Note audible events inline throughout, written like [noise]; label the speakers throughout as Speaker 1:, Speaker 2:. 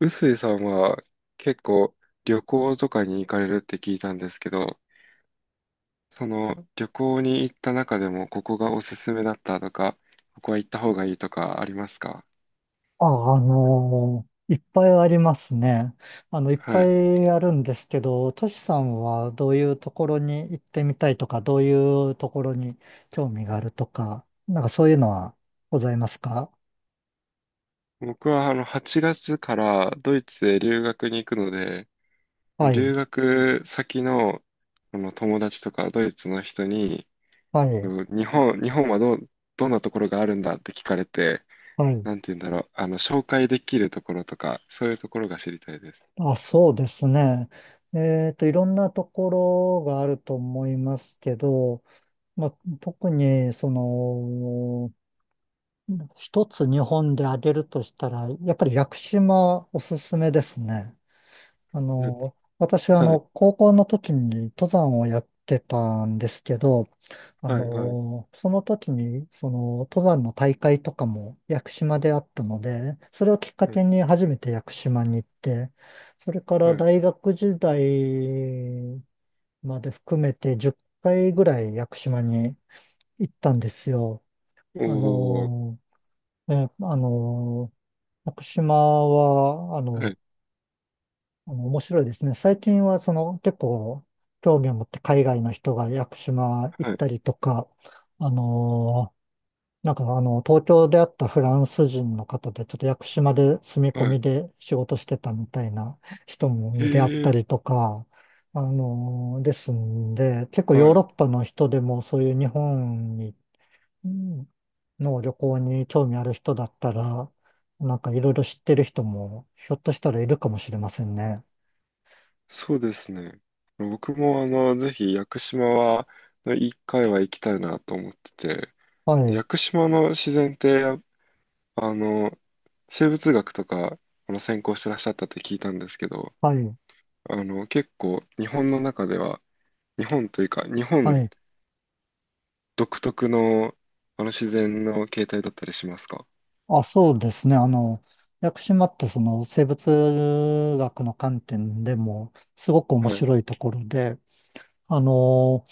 Speaker 1: 臼井さんは結構旅行とかに行かれるって聞いたんですけど、その旅行に行った中でもここがおすすめだったとか、ここは行った方がいいとかありますか？
Speaker 2: あ、いっぱいありますね。いっ
Speaker 1: は
Speaker 2: ぱ
Speaker 1: い。
Speaker 2: いあるんですけど、トシさんはどういうところに行ってみたいとか、どういうところに興味があるとか、なんかそういうのはございますか？
Speaker 1: 僕は8月からドイツへ留学に行くので、
Speaker 2: は
Speaker 1: 留
Speaker 2: い、
Speaker 1: 学先の、友達とかドイツの人に、
Speaker 2: はい、
Speaker 1: うん日本、日本はどう、どんなところがあるんだって聞かれて、
Speaker 2: はい。
Speaker 1: なんて言うんだろう、紹介できるところとか、そういうところが知りたいです。
Speaker 2: あ、そうですね。いろんなところがあると思いますけど、まあ、特に、一つ日本で挙げるとしたら、やっぱり屋久島おすすめですね。
Speaker 1: うん。
Speaker 2: 私は高校の時に登山をやってたんですけど、
Speaker 1: はい、はい、
Speaker 2: その時に、登山の大会とかも屋久島であったので、それをきっか
Speaker 1: はい、
Speaker 2: けに初めて屋久島に行って、それから
Speaker 1: はい。
Speaker 2: 大学時代まで含めて10回ぐらい屋久島に行ったんですよ。あ
Speaker 1: おー、
Speaker 2: の、え、あの、屋久島は、
Speaker 1: はい、
Speaker 2: 面白いですね。最近は結構興味を持って海外の人が屋久島行っ
Speaker 1: はい、
Speaker 2: たりとか、あのーなんか東京であったフランス人の方でちょっと屋久島で住み込
Speaker 1: は
Speaker 2: みで仕事してたみたいな人
Speaker 1: い。
Speaker 2: に出会っ
Speaker 1: へ
Speaker 2: た
Speaker 1: え、
Speaker 2: りとか、ですんで、結構ヨー
Speaker 1: は
Speaker 2: ロ
Speaker 1: い。
Speaker 2: ッパの人でもそういう日本にうんの旅行に興味ある人だったら、なんかいろいろ知ってる人もひょっとしたらいるかもしれませんね。
Speaker 1: そうですね。僕も、ぜひ、屋久島は、一回は行きたいなと思ってて、
Speaker 2: はい。
Speaker 1: 屋久島の自然って、あの、生物学とか、専攻してらっしゃったって聞いたんですけど、
Speaker 2: はい、
Speaker 1: 結構、日本の中では、日本というか、日本
Speaker 2: はい。
Speaker 1: 独特の、自然の形態だったりしますか？
Speaker 2: あ、そうですね。屋久島ってその生物学の観点でもすごく面
Speaker 1: はい、
Speaker 2: 白いところで、あの、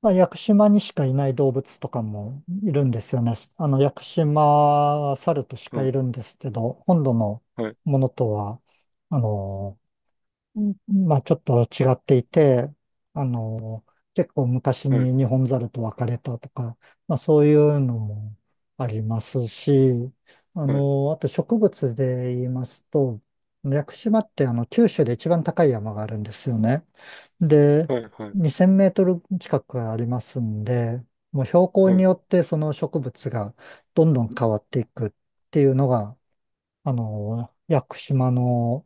Speaker 2: まあ、屋久島にしかいない動物とかもいるんですよね。屋久島は猿とし
Speaker 1: は
Speaker 2: かい
Speaker 1: い、
Speaker 2: るんですけど、本土の
Speaker 1: はい、
Speaker 2: ものとは、あの、うんまあちょっと違っていて、あの、結構昔
Speaker 1: はい、
Speaker 2: にニホンザルと別れたとか、まあそういうのもありますし、
Speaker 1: はい、
Speaker 2: あと植物で言いますと、屋久島って九州で一番高い山があるんですよね。で、
Speaker 1: はい、はい。
Speaker 2: 2000メートル近くありますんで、もう標高
Speaker 1: は
Speaker 2: に
Speaker 1: い。
Speaker 2: よってその植物がどんどん変わっていくっていうのが、屋久島の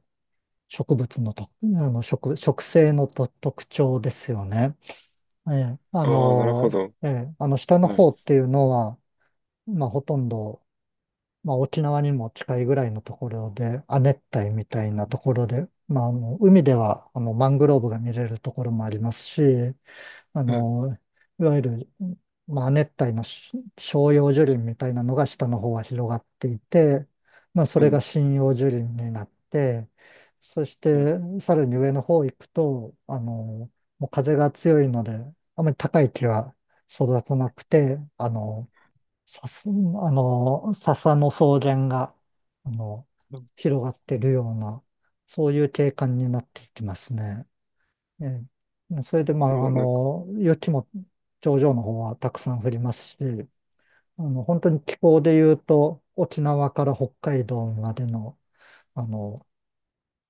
Speaker 2: 植物のと、植生のと特徴ですよね。
Speaker 1: ああ、なるほど。
Speaker 2: 下の
Speaker 1: はい。
Speaker 2: 方っていうのは、まあほとんど、まあ沖縄にも近いぐらいのところで、亜熱帯みたいなところで、まあ海ではマングローブが見れるところもありますし、あ
Speaker 1: うん、
Speaker 2: の、いわゆる、まあ、熱帯の照葉樹林みたいなのが下の方は広がっていて、まあ、そ
Speaker 1: う
Speaker 2: れが
Speaker 1: ん、
Speaker 2: 針葉樹林になって、そし
Speaker 1: うん。
Speaker 2: てさらに上の方行くと、もう風が強いので、あまり高い木は育たなくて、笹、あ笹の草原が、あの、広がってるような、そういう景観になっていきますね。えそれで、まあ、
Speaker 1: そうなんか、
Speaker 2: 雪も頂上の方はたくさん降りますし、本当に気候で言うと、沖縄から北海道までの、あの、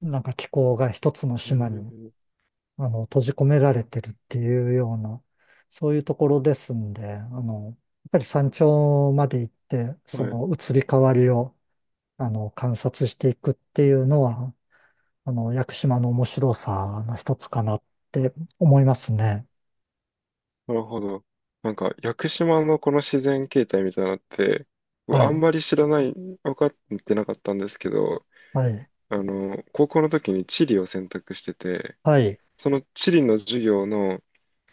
Speaker 2: なんか気候が一つの
Speaker 1: え
Speaker 2: 島に、
Speaker 1: ー、
Speaker 2: 閉じ込められてるっていうような、そういうところですんで、やっぱり山頂まで行って、
Speaker 1: は
Speaker 2: そ
Speaker 1: い。
Speaker 2: の移り変わりを、観察していくっていうのは、屋久島の面白さの一つかなって思いますね。
Speaker 1: なるほど。なんか、屋久島のこの自然形態みたいなのって、僕
Speaker 2: は
Speaker 1: あん
Speaker 2: い。
Speaker 1: まり知らない、分かってなかったんですけど、
Speaker 2: はい、
Speaker 1: 高校の時に地理を選択してて、
Speaker 2: はい、
Speaker 1: その地理の授業の、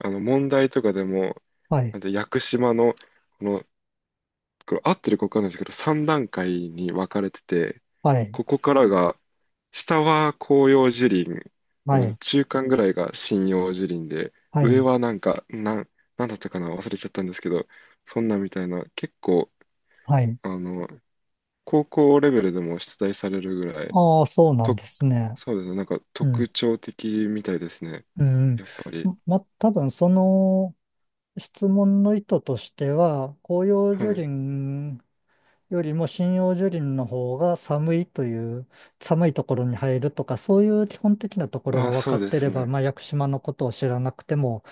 Speaker 1: 問題とかでも、
Speaker 2: はい、
Speaker 1: なんで屋久島の、この、これ合ってるか分かんないですけど、3段階に分かれてて、
Speaker 2: はい、
Speaker 1: ここからが、下は広葉樹林、
Speaker 2: は
Speaker 1: この
Speaker 2: い、
Speaker 1: 中間ぐらいが針葉樹林で、
Speaker 2: は
Speaker 1: 上
Speaker 2: い、
Speaker 1: はなんか、なん、なんだったかな、忘れちゃったんですけど、そんなみたいな、結構、
Speaker 2: はい。
Speaker 1: あの、高校レベルでも出題されるぐらい、
Speaker 2: ああ、そうなん
Speaker 1: と、
Speaker 2: ですね。
Speaker 1: そうですね、なんか
Speaker 2: うん、
Speaker 1: 特徴的みたいですね、
Speaker 2: うん。
Speaker 1: やっぱり。
Speaker 2: ま多分その質問の意図としては、紅葉
Speaker 1: は
Speaker 2: 樹
Speaker 1: い。
Speaker 2: 林よりも針葉樹林の方が寒いという、寒いところに入るとか、そういう基本的なところが
Speaker 1: あ、
Speaker 2: 分か
Speaker 1: そう
Speaker 2: っ
Speaker 1: で
Speaker 2: てれ
Speaker 1: す
Speaker 2: ば、
Speaker 1: ね。
Speaker 2: まあ、屋久島のことを知らなくても、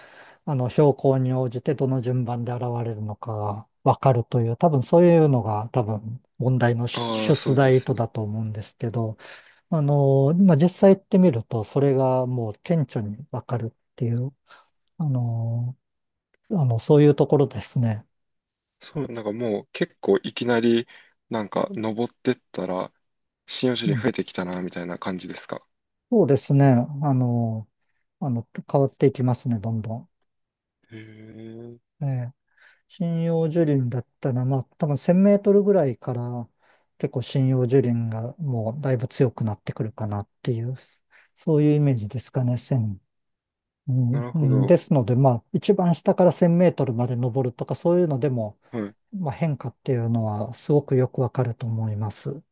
Speaker 2: 標高に応じてどの順番で現れるのかがわかるという、多分そういうのが多分問題の出
Speaker 1: ああ、そ
Speaker 2: 出
Speaker 1: うで
Speaker 2: 題
Speaker 1: す
Speaker 2: とだ
Speaker 1: ね。
Speaker 2: と思うんですけど、まあ、実際行ってみると、それがもう顕著にわかるっていう、あの、そういうところですね。
Speaker 1: そう、なんかもう結構いきなり、なんか登ってったら、針葉樹
Speaker 2: う
Speaker 1: 林
Speaker 2: ん、
Speaker 1: 増えてきたな、みたいな感じですか？
Speaker 2: そうですね。あの、変わっていきますね、どんどん。
Speaker 1: へえ、
Speaker 2: ええ針葉樹林だったら、まあ、多分1000メートルぐらいから結構針葉樹林がもうだいぶ強くなってくるかなっていう、そういうイメージですかね。1う
Speaker 1: な
Speaker 2: ん、
Speaker 1: る
Speaker 2: う
Speaker 1: ほ
Speaker 2: ん
Speaker 1: ど。
Speaker 2: ですので、まあ、一番下から1000メートルまで登るとか、そういうのでも、
Speaker 1: はい。
Speaker 2: まあ、変化っていうのはすごくよくわかると思います。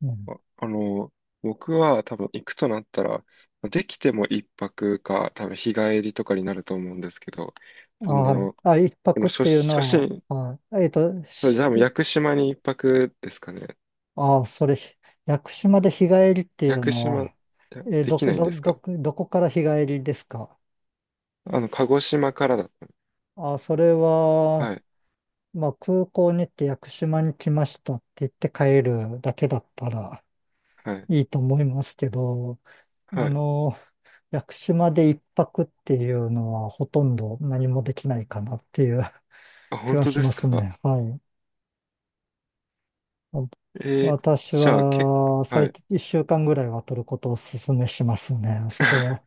Speaker 2: うん、
Speaker 1: あ、あの、僕は多分行くとなったら、できても一泊か、多分日帰りとかになると思うんですけど、そ
Speaker 2: はい。
Speaker 1: の、
Speaker 2: あ、一
Speaker 1: あの
Speaker 2: 泊っ
Speaker 1: 初、
Speaker 2: ていう
Speaker 1: 初
Speaker 2: の
Speaker 1: 心、
Speaker 2: は、はい、
Speaker 1: それじゃあもう屋久島に一泊ですかね？
Speaker 2: あ、屋久島で日帰りってい
Speaker 1: 屋
Speaker 2: う
Speaker 1: 久
Speaker 2: の
Speaker 1: 島、い
Speaker 2: は、
Speaker 1: やできないんですか？
Speaker 2: どこから日帰りですか？
Speaker 1: 鹿児島からだっ
Speaker 2: あ、それ
Speaker 1: た。
Speaker 2: は、
Speaker 1: はい、
Speaker 2: まあ、空港に行って屋久島に来ましたって言って帰るだけだったら
Speaker 1: はい、
Speaker 2: いいと思いますけど、あ
Speaker 1: はい。
Speaker 2: の、屋久島で一泊っていうのはほとんど何もできないかなっていう
Speaker 1: あ、
Speaker 2: 気
Speaker 1: 本
Speaker 2: は
Speaker 1: 当
Speaker 2: し
Speaker 1: で
Speaker 2: ま
Speaker 1: す
Speaker 2: す
Speaker 1: か？
Speaker 2: ね。はい。
Speaker 1: えー、
Speaker 2: 私
Speaker 1: じゃあ結
Speaker 2: は
Speaker 1: 構、は
Speaker 2: 最
Speaker 1: い。
Speaker 2: 低1週間ぐらいは取ることをお勧めしますね。そこは。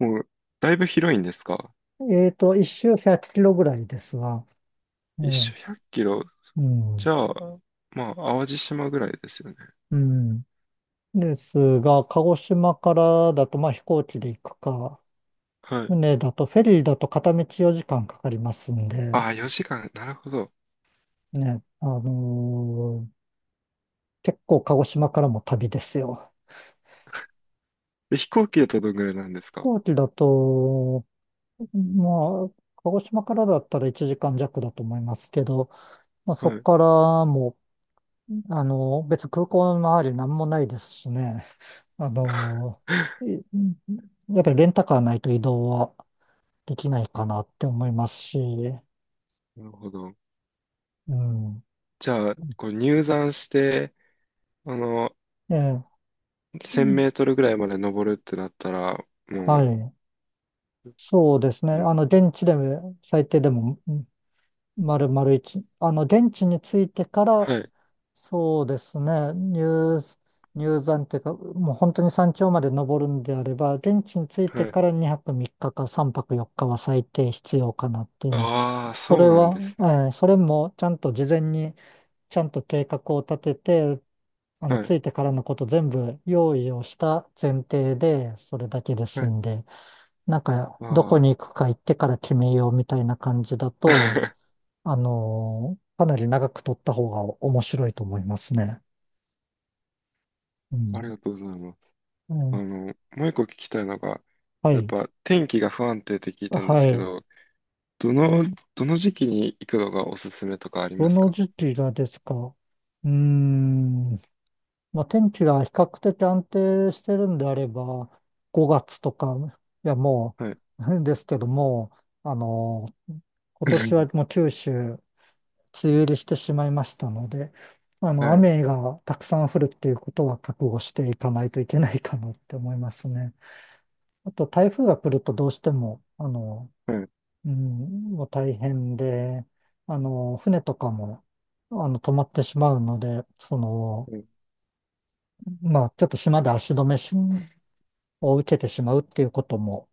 Speaker 1: もう、だいぶ広いんですか？
Speaker 2: 1周100キロぐらいですが。え
Speaker 1: 一
Speaker 2: え、
Speaker 1: 周100キロ。
Speaker 2: うん。
Speaker 1: じゃあ、まあ、淡路島ぐらいですよね。
Speaker 2: うん。ですが、鹿児島からだと、まあ、飛行機で行くか、
Speaker 1: はい。
Speaker 2: 船だと、フェリーだと片道4時間かかりますんで、
Speaker 1: ああ、4時間。なるほど。
Speaker 2: ね、結構鹿児島からも旅ですよ。
Speaker 1: え飛行機だとどんぐらいなんです
Speaker 2: 飛
Speaker 1: か？
Speaker 2: 行機だと、まあ、鹿児島からだったら1時間弱だと思いますけど、まあ、そ
Speaker 1: は
Speaker 2: こ
Speaker 1: い。
Speaker 2: からもう、別に空港の周り何もないですしね、あのー
Speaker 1: [laughs]
Speaker 2: いやっぱりレンタカーないと移動はできないかなって思いますし、
Speaker 1: なるほど。
Speaker 2: うん。
Speaker 1: じゃあ、こう入山して、あの、
Speaker 2: ええ、う
Speaker 1: 1000
Speaker 2: ん、
Speaker 1: メートルぐらいまで登るってなったら、
Speaker 2: は
Speaker 1: も
Speaker 2: い。
Speaker 1: う、
Speaker 2: そうですね。
Speaker 1: もう、
Speaker 2: 電池で、最低でも、うん、丸々一。電池についてから、
Speaker 1: はい、
Speaker 2: そうですね。入山っていうか、もう本当に山頂まで登るんであれば、電池について
Speaker 1: はい。
Speaker 2: から2泊3日か3泊4日は最低必要かなっていうの。
Speaker 1: ああ、
Speaker 2: そ
Speaker 1: そ
Speaker 2: れ
Speaker 1: うなん
Speaker 2: は、
Speaker 1: ですね。
Speaker 2: それもちゃんと事前に、ちゃんと計画を立てて、
Speaker 1: はい、
Speaker 2: ついてからのこと全部用意をした前提で、それだけで
Speaker 1: は
Speaker 2: す
Speaker 1: い。
Speaker 2: んで、なんか、ど
Speaker 1: あ
Speaker 2: こ
Speaker 1: あ、
Speaker 2: に行くか行ってから決めようみたいな感じだと、
Speaker 1: [laughs]
Speaker 2: かなり長く取った方が面白いと思いますね。う
Speaker 1: あり
Speaker 2: ん。
Speaker 1: がとうございます。
Speaker 2: うん、
Speaker 1: あの、もう一個聞きたいのが、
Speaker 2: は
Speaker 1: やっ
Speaker 2: い。
Speaker 1: ぱ天気が不安定って聞いたんで
Speaker 2: は
Speaker 1: すけ
Speaker 2: い。
Speaker 1: ど、どの、どの時期に行くのがおすすめとかあり
Speaker 2: ど
Speaker 1: ます
Speaker 2: の
Speaker 1: か？
Speaker 2: 時期がですか？うーん。まあ、天気が比較的安定してるんであれば、5月とか、いや、も
Speaker 1: はい。
Speaker 2: う、[laughs] ですけども、あの今年はも
Speaker 1: [laughs]
Speaker 2: う九州梅雨入りしてしまいましたので、
Speaker 1: はい、
Speaker 2: 雨がたくさん降るっていうことは覚悟していかないといけないかなって思いますね。あと、台風が来るとどうしても、
Speaker 1: はい。
Speaker 2: もう大変で、船とかも、止まってしまうので、
Speaker 1: うん、
Speaker 2: まあ、ちょっと島で足止めを受けてしまうっていうことも、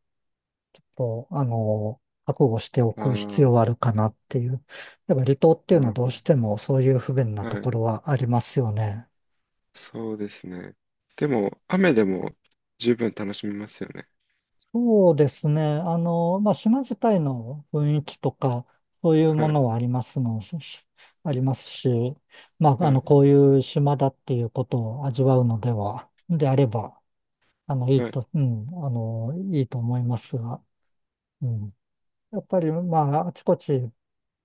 Speaker 2: こう覚悟してお
Speaker 1: あ
Speaker 2: く必要はあるかなっていう。やっぱ離島って
Speaker 1: あ、
Speaker 2: いう
Speaker 1: な
Speaker 2: のは
Speaker 1: る
Speaker 2: どう
Speaker 1: ほど。
Speaker 2: してもそういう不便な
Speaker 1: は
Speaker 2: と
Speaker 1: い。
Speaker 2: ころはありますよね。
Speaker 1: そうですね。でも、雨でも十分楽しみますよね。
Speaker 2: そうですね。まあ、島自体の雰囲気とか、そういう
Speaker 1: は
Speaker 2: も
Speaker 1: い。
Speaker 2: のはありますの、しし [laughs] ありますし、まあ、
Speaker 1: はい。
Speaker 2: こういう島だっていうことを味わうのでは、であれば、あの、いい
Speaker 1: はい。
Speaker 2: と、うん、あの、いいと思いますが、うん。やっぱり、まあ、あちこち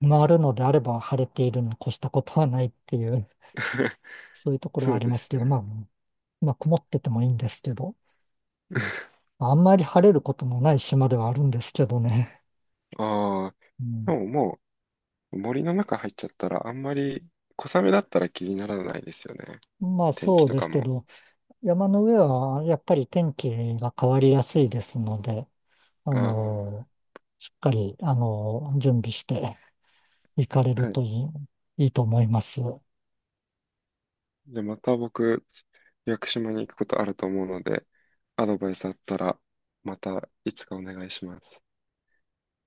Speaker 2: 回るのであれば、晴れているに越したことはないっていう、
Speaker 1: [laughs]
Speaker 2: [laughs] そういうところは
Speaker 1: そ
Speaker 2: あ
Speaker 1: う
Speaker 2: り
Speaker 1: で
Speaker 2: ます
Speaker 1: す
Speaker 2: け
Speaker 1: ね。
Speaker 2: ど、まあ、曇っててもいいんですけど、
Speaker 1: [laughs]
Speaker 2: あんまり晴れることのない島ではあるんですけどね。
Speaker 1: ああ、
Speaker 2: う
Speaker 1: で
Speaker 2: ん、
Speaker 1: ももう森の中入っちゃったら、あんまり小雨だったら気にならないですよね。
Speaker 2: まあ、
Speaker 1: 天
Speaker 2: そ
Speaker 1: 気
Speaker 2: う
Speaker 1: と
Speaker 2: で
Speaker 1: か
Speaker 2: すけ
Speaker 1: も。
Speaker 2: ど、山の上はやっぱり天気が変わりやすいですので、あ
Speaker 1: あ
Speaker 2: の、しっかり、準備して行かれ
Speaker 1: あ、
Speaker 2: る
Speaker 1: はい。
Speaker 2: といいと思います。
Speaker 1: じゃあまた僕、屋久島に行くことあると思うので、アドバイスあったら、またいつかお願いします。